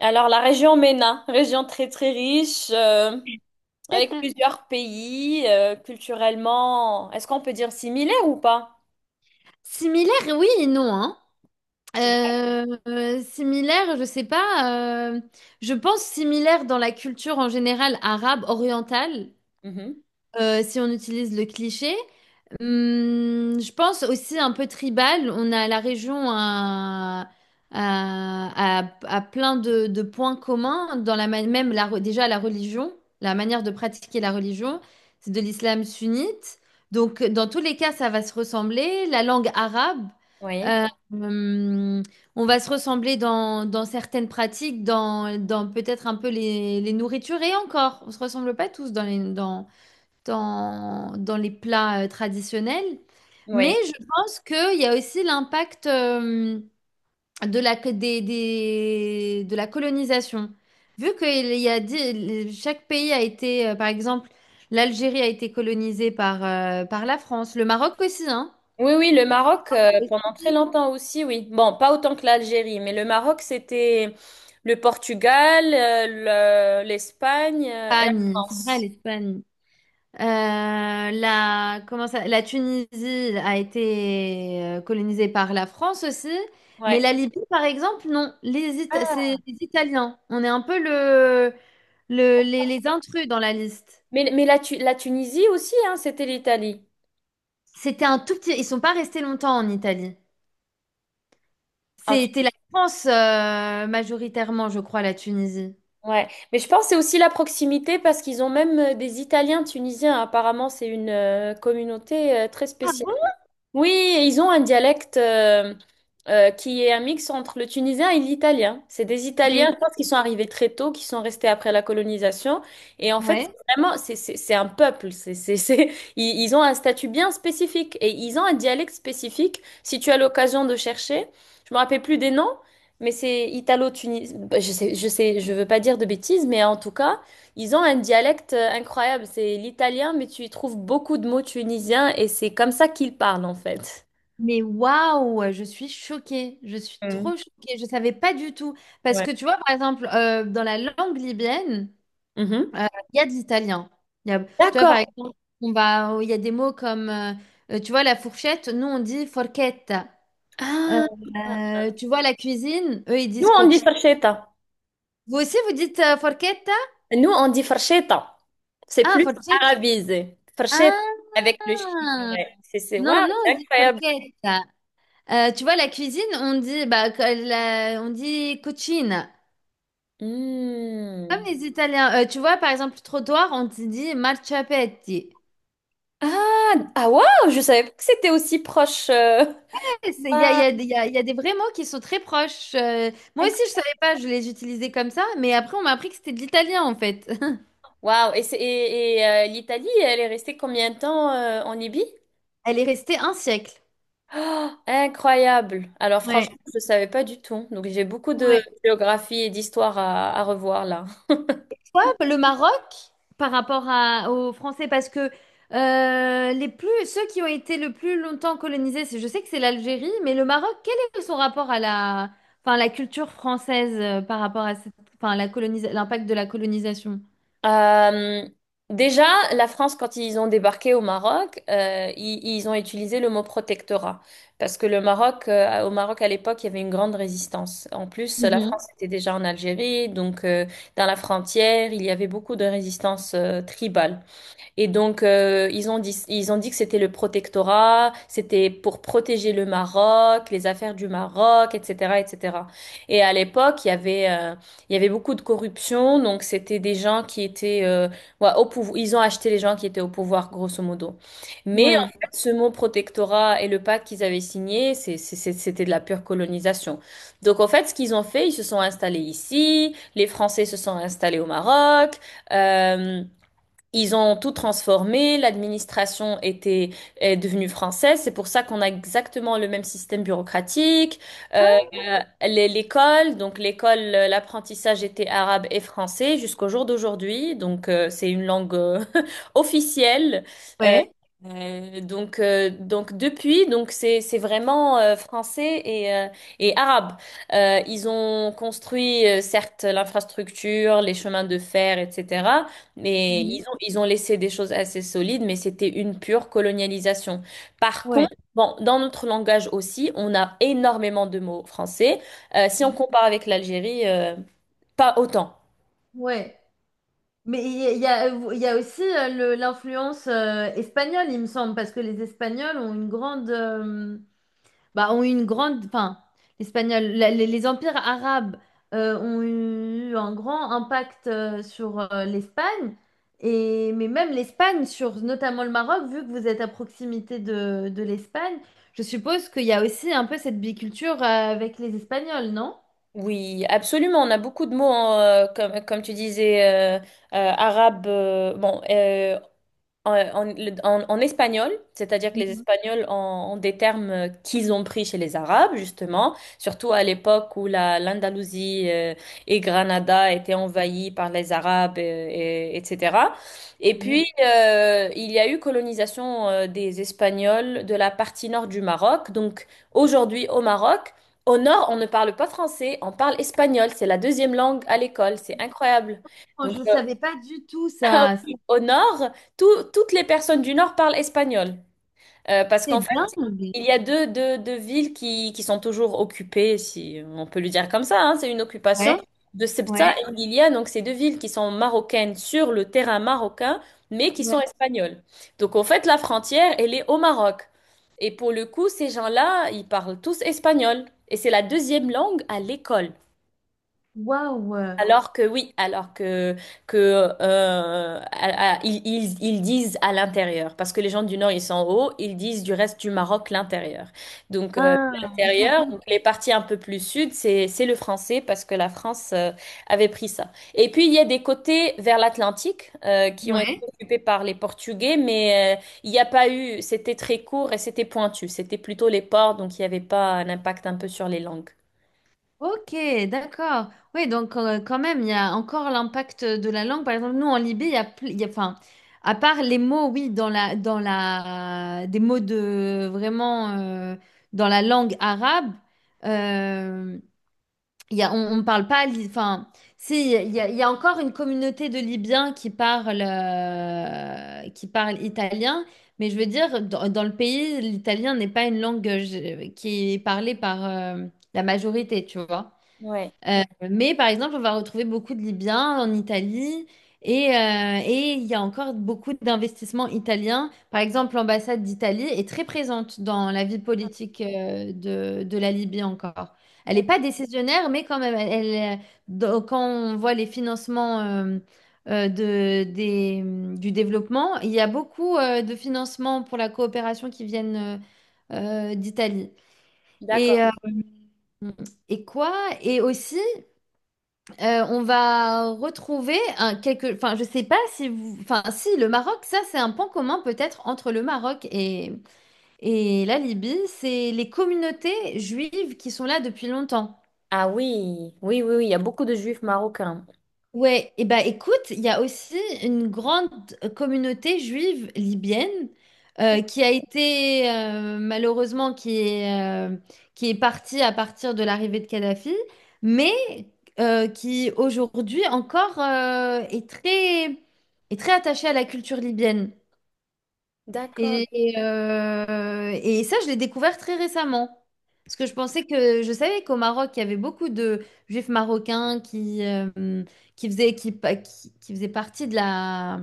Alors, la région MENA, région très très riche, avec plusieurs pays, culturellement, est-ce qu'on peut dire similaire ou pas? Similaire, oui et non, hein. C'est vrai. Similaire, je sais pas. Je pense similaire dans la culture en général arabe, orientale, Mhm. Si on utilise le cliché. Je pense aussi un peu tribal. On a la région à, à plein de points communs, dans même déjà la religion, la manière de pratiquer la religion, c'est de l'islam sunnite. Donc, dans tous les cas, ça va se ressembler. La langue arabe, Oui, euh, hum, on va se ressembler dans certaines pratiques, dans peut-être un peu les nourritures et encore, on se ressemble pas tous dans les, dans dans, dans les plats traditionnels. Mais oui. je pense qu'il y a aussi l'impact de la, co- des- de la colonisation. Vu que il y a, di- chaque pays a été, par exemple, l'Algérie a été colonisée par la France, le Maroc aussi, hein? Oui, oui, le Maroc, pendant très longtemps aussi, oui. Bon, pas autant que l'Algérie, mais le Maroc, c'était le Portugal, l'Espagne, et la Espagne, c'est vrai, France. l'Espagne. La Tunisie a été colonisée par la France aussi, mais Ouais. la Libye, par exemple, non. C'est Ah, les Italiens. On est un peu le, les intrus dans la liste. Mais la Tunisie aussi, hein, c'était l'Italie. C'était un tout petit. Ils sont pas restés longtemps en Italie. C'était la France majoritairement, je crois, la Tunisie. Ouais, mais je pense que c'est aussi la proximité parce qu'ils ont même des Italiens tunisiens. Apparemment, c'est une communauté très Ah spéciale. bon? Oui, et ils ont un dialecte qui est un mix entre le tunisien et l'italien. C'est des Italiens, Mais je pense, qui sont arrivés très tôt, qui sont restés après la colonisation. Et en fait, ouais. c'est vraiment, c'est un peuple. Ils ont un statut bien spécifique et ils ont un dialecte spécifique. Si tu as l'occasion de chercher, je me rappelle plus des noms, mais c'est italo-tunisien. Je sais, je veux pas dire de bêtises, mais en tout cas. Ils ont un dialecte incroyable, c'est l'italien, mais tu y trouves beaucoup de mots tunisiens et c'est comme ça qu'ils parlent en fait. Mais waouh, je suis choquée, je suis Mm. trop choquée, je savais pas du tout. Parce Ouais. que tu vois, par exemple, dans la langue libyenne, Mhm. euh, il y a de l'italien. Il y a- Tu vois, par D'accord. exemple, il y a des mots comme, tu vois, la fourchette, nous on dit forchetta. Euh, Ah, tu vois, la cuisine, eux ils nous disent on dit coci. farcheta. Vous aussi, vous dites forchetta? Nous on dit farcheta. C'est Ah, plus forchetta. arabisé. Farcheta Ah, avec le chi. Ouais. C'est non, waouh, non, c'est on dit incroyable. forchetta. Tu vois, la cuisine, on dit, bah, que on dit cucina. Comme Hmm. les Italiens, tu vois, par exemple, trottoir, on te dit marciapiedi. Ah, ah waouh, je savais pas que c'était aussi proche. Il Waouh, y a des il y a des vrais mots qui sont très proches. Moi aussi, incro- je savais pas, je les utilisais comme ça, mais après, on m'a appris que c'était de l'italien, en fait. waouh. Et, l'Italie, elle est restée combien de temps en Libye? Elle est restée un siècle. Oh, incroyable. Alors Ouais, franchement, je ne savais pas du tout. Donc j'ai beaucoup de ouais. géographie et d'histoire à revoir là. Hop, le Maroc, par rapport aux Français, parce que les plus, ceux qui ont été le plus longtemps colonisés, je sais que c'est l'Algérie, mais le Maroc, quel est son rapport à la, enfin, la culture française par rapport à enfin, l'impact de la colonisation? Euh, déjà, la France, quand ils ont débarqué au Maroc, ils ont utilisé le mot protectorat. Parce que au Maroc à l'époque, il y avait une grande résistance. En plus, la France Mhm. était déjà en Algérie, dans la frontière, il y avait beaucoup de résistance tribale. Et donc, ils ont dit que c'était le protectorat, c'était pour protéger le Maroc, les affaires du Maroc, etc., etc. Et cetera. Et à l'époque, il y avait beaucoup de corruption, donc c'était des gens qui étaient, ouais, au pouvoir, ils ont acheté les gens qui étaient au pouvoir, grosso modo. Mais en Ouais. fait, ce mot protectorat et le pacte qu'ils avaient signé, c'était de la pure colonisation. Donc, en fait, ce qu'ils ont fait, ils se sont installés ici, les Français se sont installés au Maroc, euh, ils ont tout transformé, l'administration était est devenue française, c'est pour ça qu'on a exactement le même système bureaucratique. Euh, Ah, euh, l'école, l'apprentissage était arabe et français jusqu'au jour d'aujourd'hui, c'est une langue officielle. Euh, ouais. Depuis, c'est vraiment français et arabe. Ils ont construit certes l'infrastructure, les chemins de fer, etc. Mais Mhm. Ils ont laissé des choses assez solides, mais c'était une pure colonialisation. Par Ouais. contre, bon, dans notre langage aussi, on a énormément de mots français. Si on compare avec l'Algérie, pas autant. Ouais. Mais il y a aussi l'influence espagnole, il me semble, parce que les Espagnols ont une grande, ont une grande, enfin, l'espagnol, les empires arabes ont eu un grand impact sur l'Espagne, et mais même l'Espagne sur notamment le Maroc, vu que vous êtes à proximité de l'Espagne, je suppose qu'il y a aussi un peu cette biculture avec les Espagnols, non? Oui, absolument. On a beaucoup de mots, hein, comme tu disais, arabe. Bon, en espagnol, c'est-à-dire que ont des termes qu'ils ont pris chez les Arabes, justement, surtout à l'époque où la, l'Andalousie et Granada étaient envahies par les Arabes, etc. Et puis, Ouais. Il y a eu colonisation des Espagnols de la partie nord du Maroc. Donc, aujourd'hui, au Maroc, au nord, on ne parle pas français, on parle espagnol. C'est la deuxième langue à l'école. C'est incroyable. Oh, Donc, je ne euh, savais pas du tout ah ça. C'est oui. Au nord, toutes les personnes du nord parlent espagnol. Parce qu'en c'est fait, dingue. il y a deux villes qui sont toujours occupées, si on peut le dire comme ça, hein, c'est une occupation Ouais, de Ceuta et ouais, Melilla, donc ces deux villes qui sont marocaines sur le terrain marocain, mais qui sont ouais. espagnoles. Donc en fait, la frontière, elle est au Maroc. Et pour le coup, ces gens-là, ils parlent tous espagnol. Et c'est la deuxième langue à l'école. Waouh. Alors que oui, alors que à- ils- ils disent à l'intérieur, parce que les gens du Nord ils sont en haut, ils disent du reste du Maroc l'intérieur. Ah, L'intérieur, donc les parties un peu plus sud, c'est le français parce que la France avait pris ça. Et puis il y a des côtés vers l'Atlantique qui ont été ouais. occupés par les Portugais, mais il n'y a pas eu, c'était très court et c'était pointu, c'était plutôt les ports, donc il n'y avait pas un impact un peu sur les langues. Ok, d'accord. Oui, donc quand même, il y a encore l'impact de la langue. Par exemple, nous, en Libye, il y a, plus- il y a- enfin, à part les mots, oui, des mots de vraiment dans la langue arabe. euh, Il y a, on ne parle pas. Enfin, si, il y a encore une communauté de Libyens qui parlent italien, mais je veux dire, dans le pays, l'italien n'est pas une langue qui est parlée par la majorité, tu vois. Ouais. Euh, mais par exemple, on va retrouver beaucoup de Libyens en Italie et il y a encore beaucoup d'investissements italiens. Par exemple, l'ambassade d'Italie est très présente dans la vie politique de la Libye encore. Elle n'est D'ac- pas décisionnaire, mais quand même, quand on voit les financements du développement, il y a beaucoup de financements pour la coopération qui viennent d'Italie. Et, D'accord. euh, et quoi? Et aussi, on va retrouver un enfin je sais pas si vous, enfin si le Maroc, ça c'est un point commun peut-être entre le Maroc et la Libye, c'est les communautés juives qui sont là depuis longtemps. Ah oui, oui, oui, oui, il y a beaucoup de juifs marocains. Ouais, et bah écoute, il y a aussi une grande communauté juive libyenne qui a été malheureusement euh, qui est partie à partir de l'arrivée de Kadhafi, mais qui aujourd'hui encore est très attachée à la culture libyenne. D'accord. Et ça, je l'ai découvert très récemment. Parce que je pensais que je savais qu'au Maroc, il y avait beaucoup de juifs marocains qui faisaient, qui, pa- qui faisaient partie de la,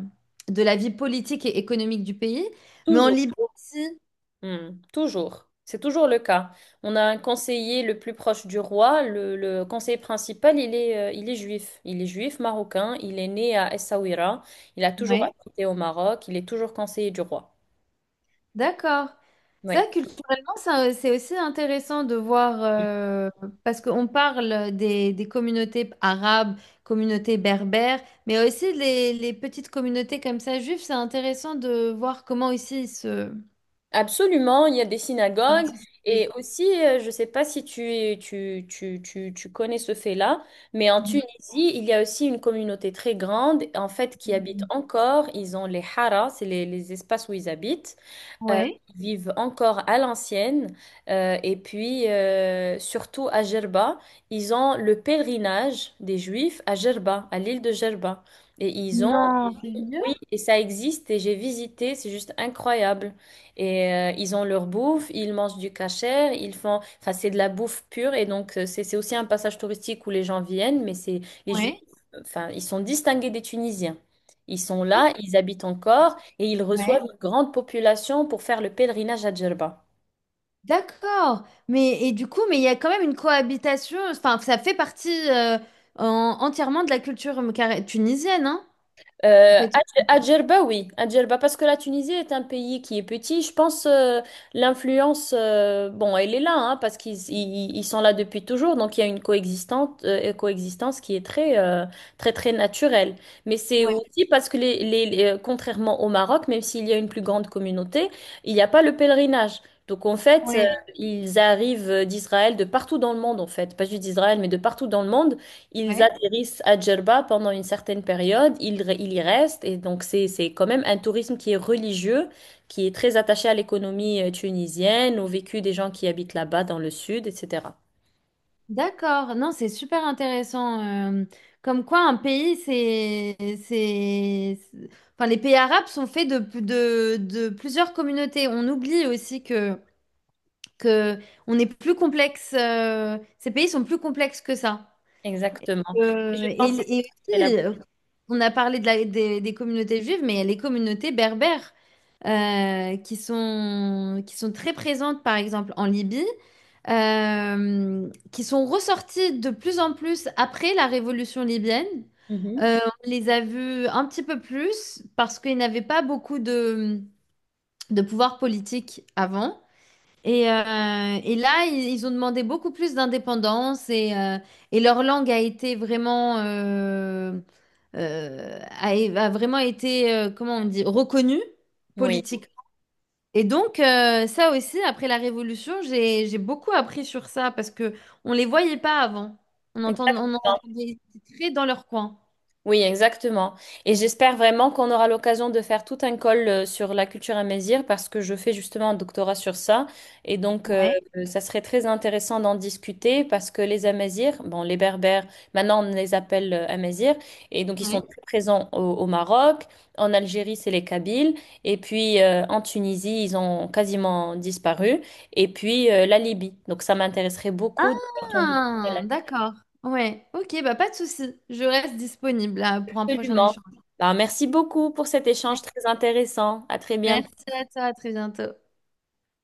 de la vie politique et économique du pays. Mais en Toujours. Libye aussi. Hmm, toujours. C'est toujours le cas. On a un conseiller le plus proche du roi. Le conseiller principal, il est juif. Il est juif marocain. Il est né à Essaouira. Il a toujours Ouais. habité au Maroc. Il est toujours conseiller du roi. D'accord. Ça, Oui. culturellement, c'est aussi intéressant de voir, parce qu'on parle des communautés arabes, communautés berbères, mais aussi les petites communautés comme ça, juives, c'est intéressant de voir comment ici ils se. Absolument, il y a des Dans la synagogues et société. aussi, je ne sais pas si tu connais ce fait-là, mais en Tunisie, il y a aussi une communauté très grande, en fait, qui habite Mhm. encore. Ils ont les haras, c'est les espaces où ils habitent euh, Ouais. qui vivent encore à l'ancienne. Surtout à Gerba, ils ont le pèlerinage des Juifs à Gerba, à l'île de Gerba. Et ils ont, Non, sérieux? oui, et ça existe, et j'ai visité, c'est juste incroyable. Et ils ont leur bouffe, ils mangent du kasher, ils font, enfin, c'est de la bouffe pure, et c'est aussi un passage touristique où les gens viennent, mais c'est les Juifs, Ouais. enfin, ils sont distingués des Tunisiens. Ils sont là, ils habitent encore, et ils Ouais. reçoivent une grande population pour faire le pèlerinage à Djerba. D'accord. Mais et du coup, mais il y a quand même une cohabitation, enfin, ça fait partie entièrement de la culture tunisienne, hein, en fait. À Djerba, oui, à Djerba, parce que la Tunisie est un pays qui est petit. Je pense l'influence, bon, elle est là, hein, parce ils sont là depuis toujours, donc il y a une coexistence, coexistence qui est très, très, naturelle. Mais c'est aussi parce que contrairement au Maroc, même s'il y a une plus grande communauté, il n'y a pas le pèlerinage. Donc en fait, Oui. ils arrivent d'Israël, de partout dans le monde, en fait, pas juste d'Israël, mais de partout dans le monde. Ils Oui. atterrissent à Djerba pendant une certaine période, ils y restent, et donc c'est quand même un tourisme qui est religieux, qui est très attaché à l'économie tunisienne, au vécu des gens qui habitent là-bas dans le sud, etc. D'accord, non, c'est super intéressant. Comme quoi, un pays, enfin, les pays arabes sont faits de plusieurs communautés. On oublie aussi que on est plus complexe. Ces pays sont plus complexes que ça. Exactement. Et Euh, je pense que et, et c'est là. aussi, on a parlé des communautés juives, mais il y a les communautés berbères qui sont très présentes, par exemple, en Libye, qui sont ressorties de plus en plus après la révolution libyenne. Mhm. Euh, on les a vus un petit peu plus parce qu'ils n'avaient pas beaucoup de pouvoir politique avant. Et là, ils ont demandé beaucoup plus d'indépendance et leur langue a été vraiment, a vraiment été, comment on dit, reconnue Oui, politiquement. Et donc, ça aussi, après la Révolution, j'ai beaucoup appris sur ça parce que on les voyait pas avant. On en exactement. entendait très dans leur coin. Oui, exactement. Et j'espère vraiment qu'on aura l'occasion de faire tout un call sur la culture amazigh parce que je fais justement un doctorat sur ça. Et donc, euh, Ouais, ça serait très intéressant d'en discuter parce que les Amazirs, bon, les Berbères, maintenant on les appelle Amazirs, et donc ils sont ouais. très présents au, au Maroc. En Algérie, c'est les Kabyles. Et puis en Tunisie, ils ont quasiment disparu. Et puis la Libye. Donc, ça m'intéresserait beaucoup. De voir ton Ah, d'accord. Ouais, ok, bah pas de souci. Je reste disponible là, pour un prochain absolument. échange. Alors, merci beaucoup pour cet échange très intéressant. À très bientôt. Merci à toi, à très bientôt.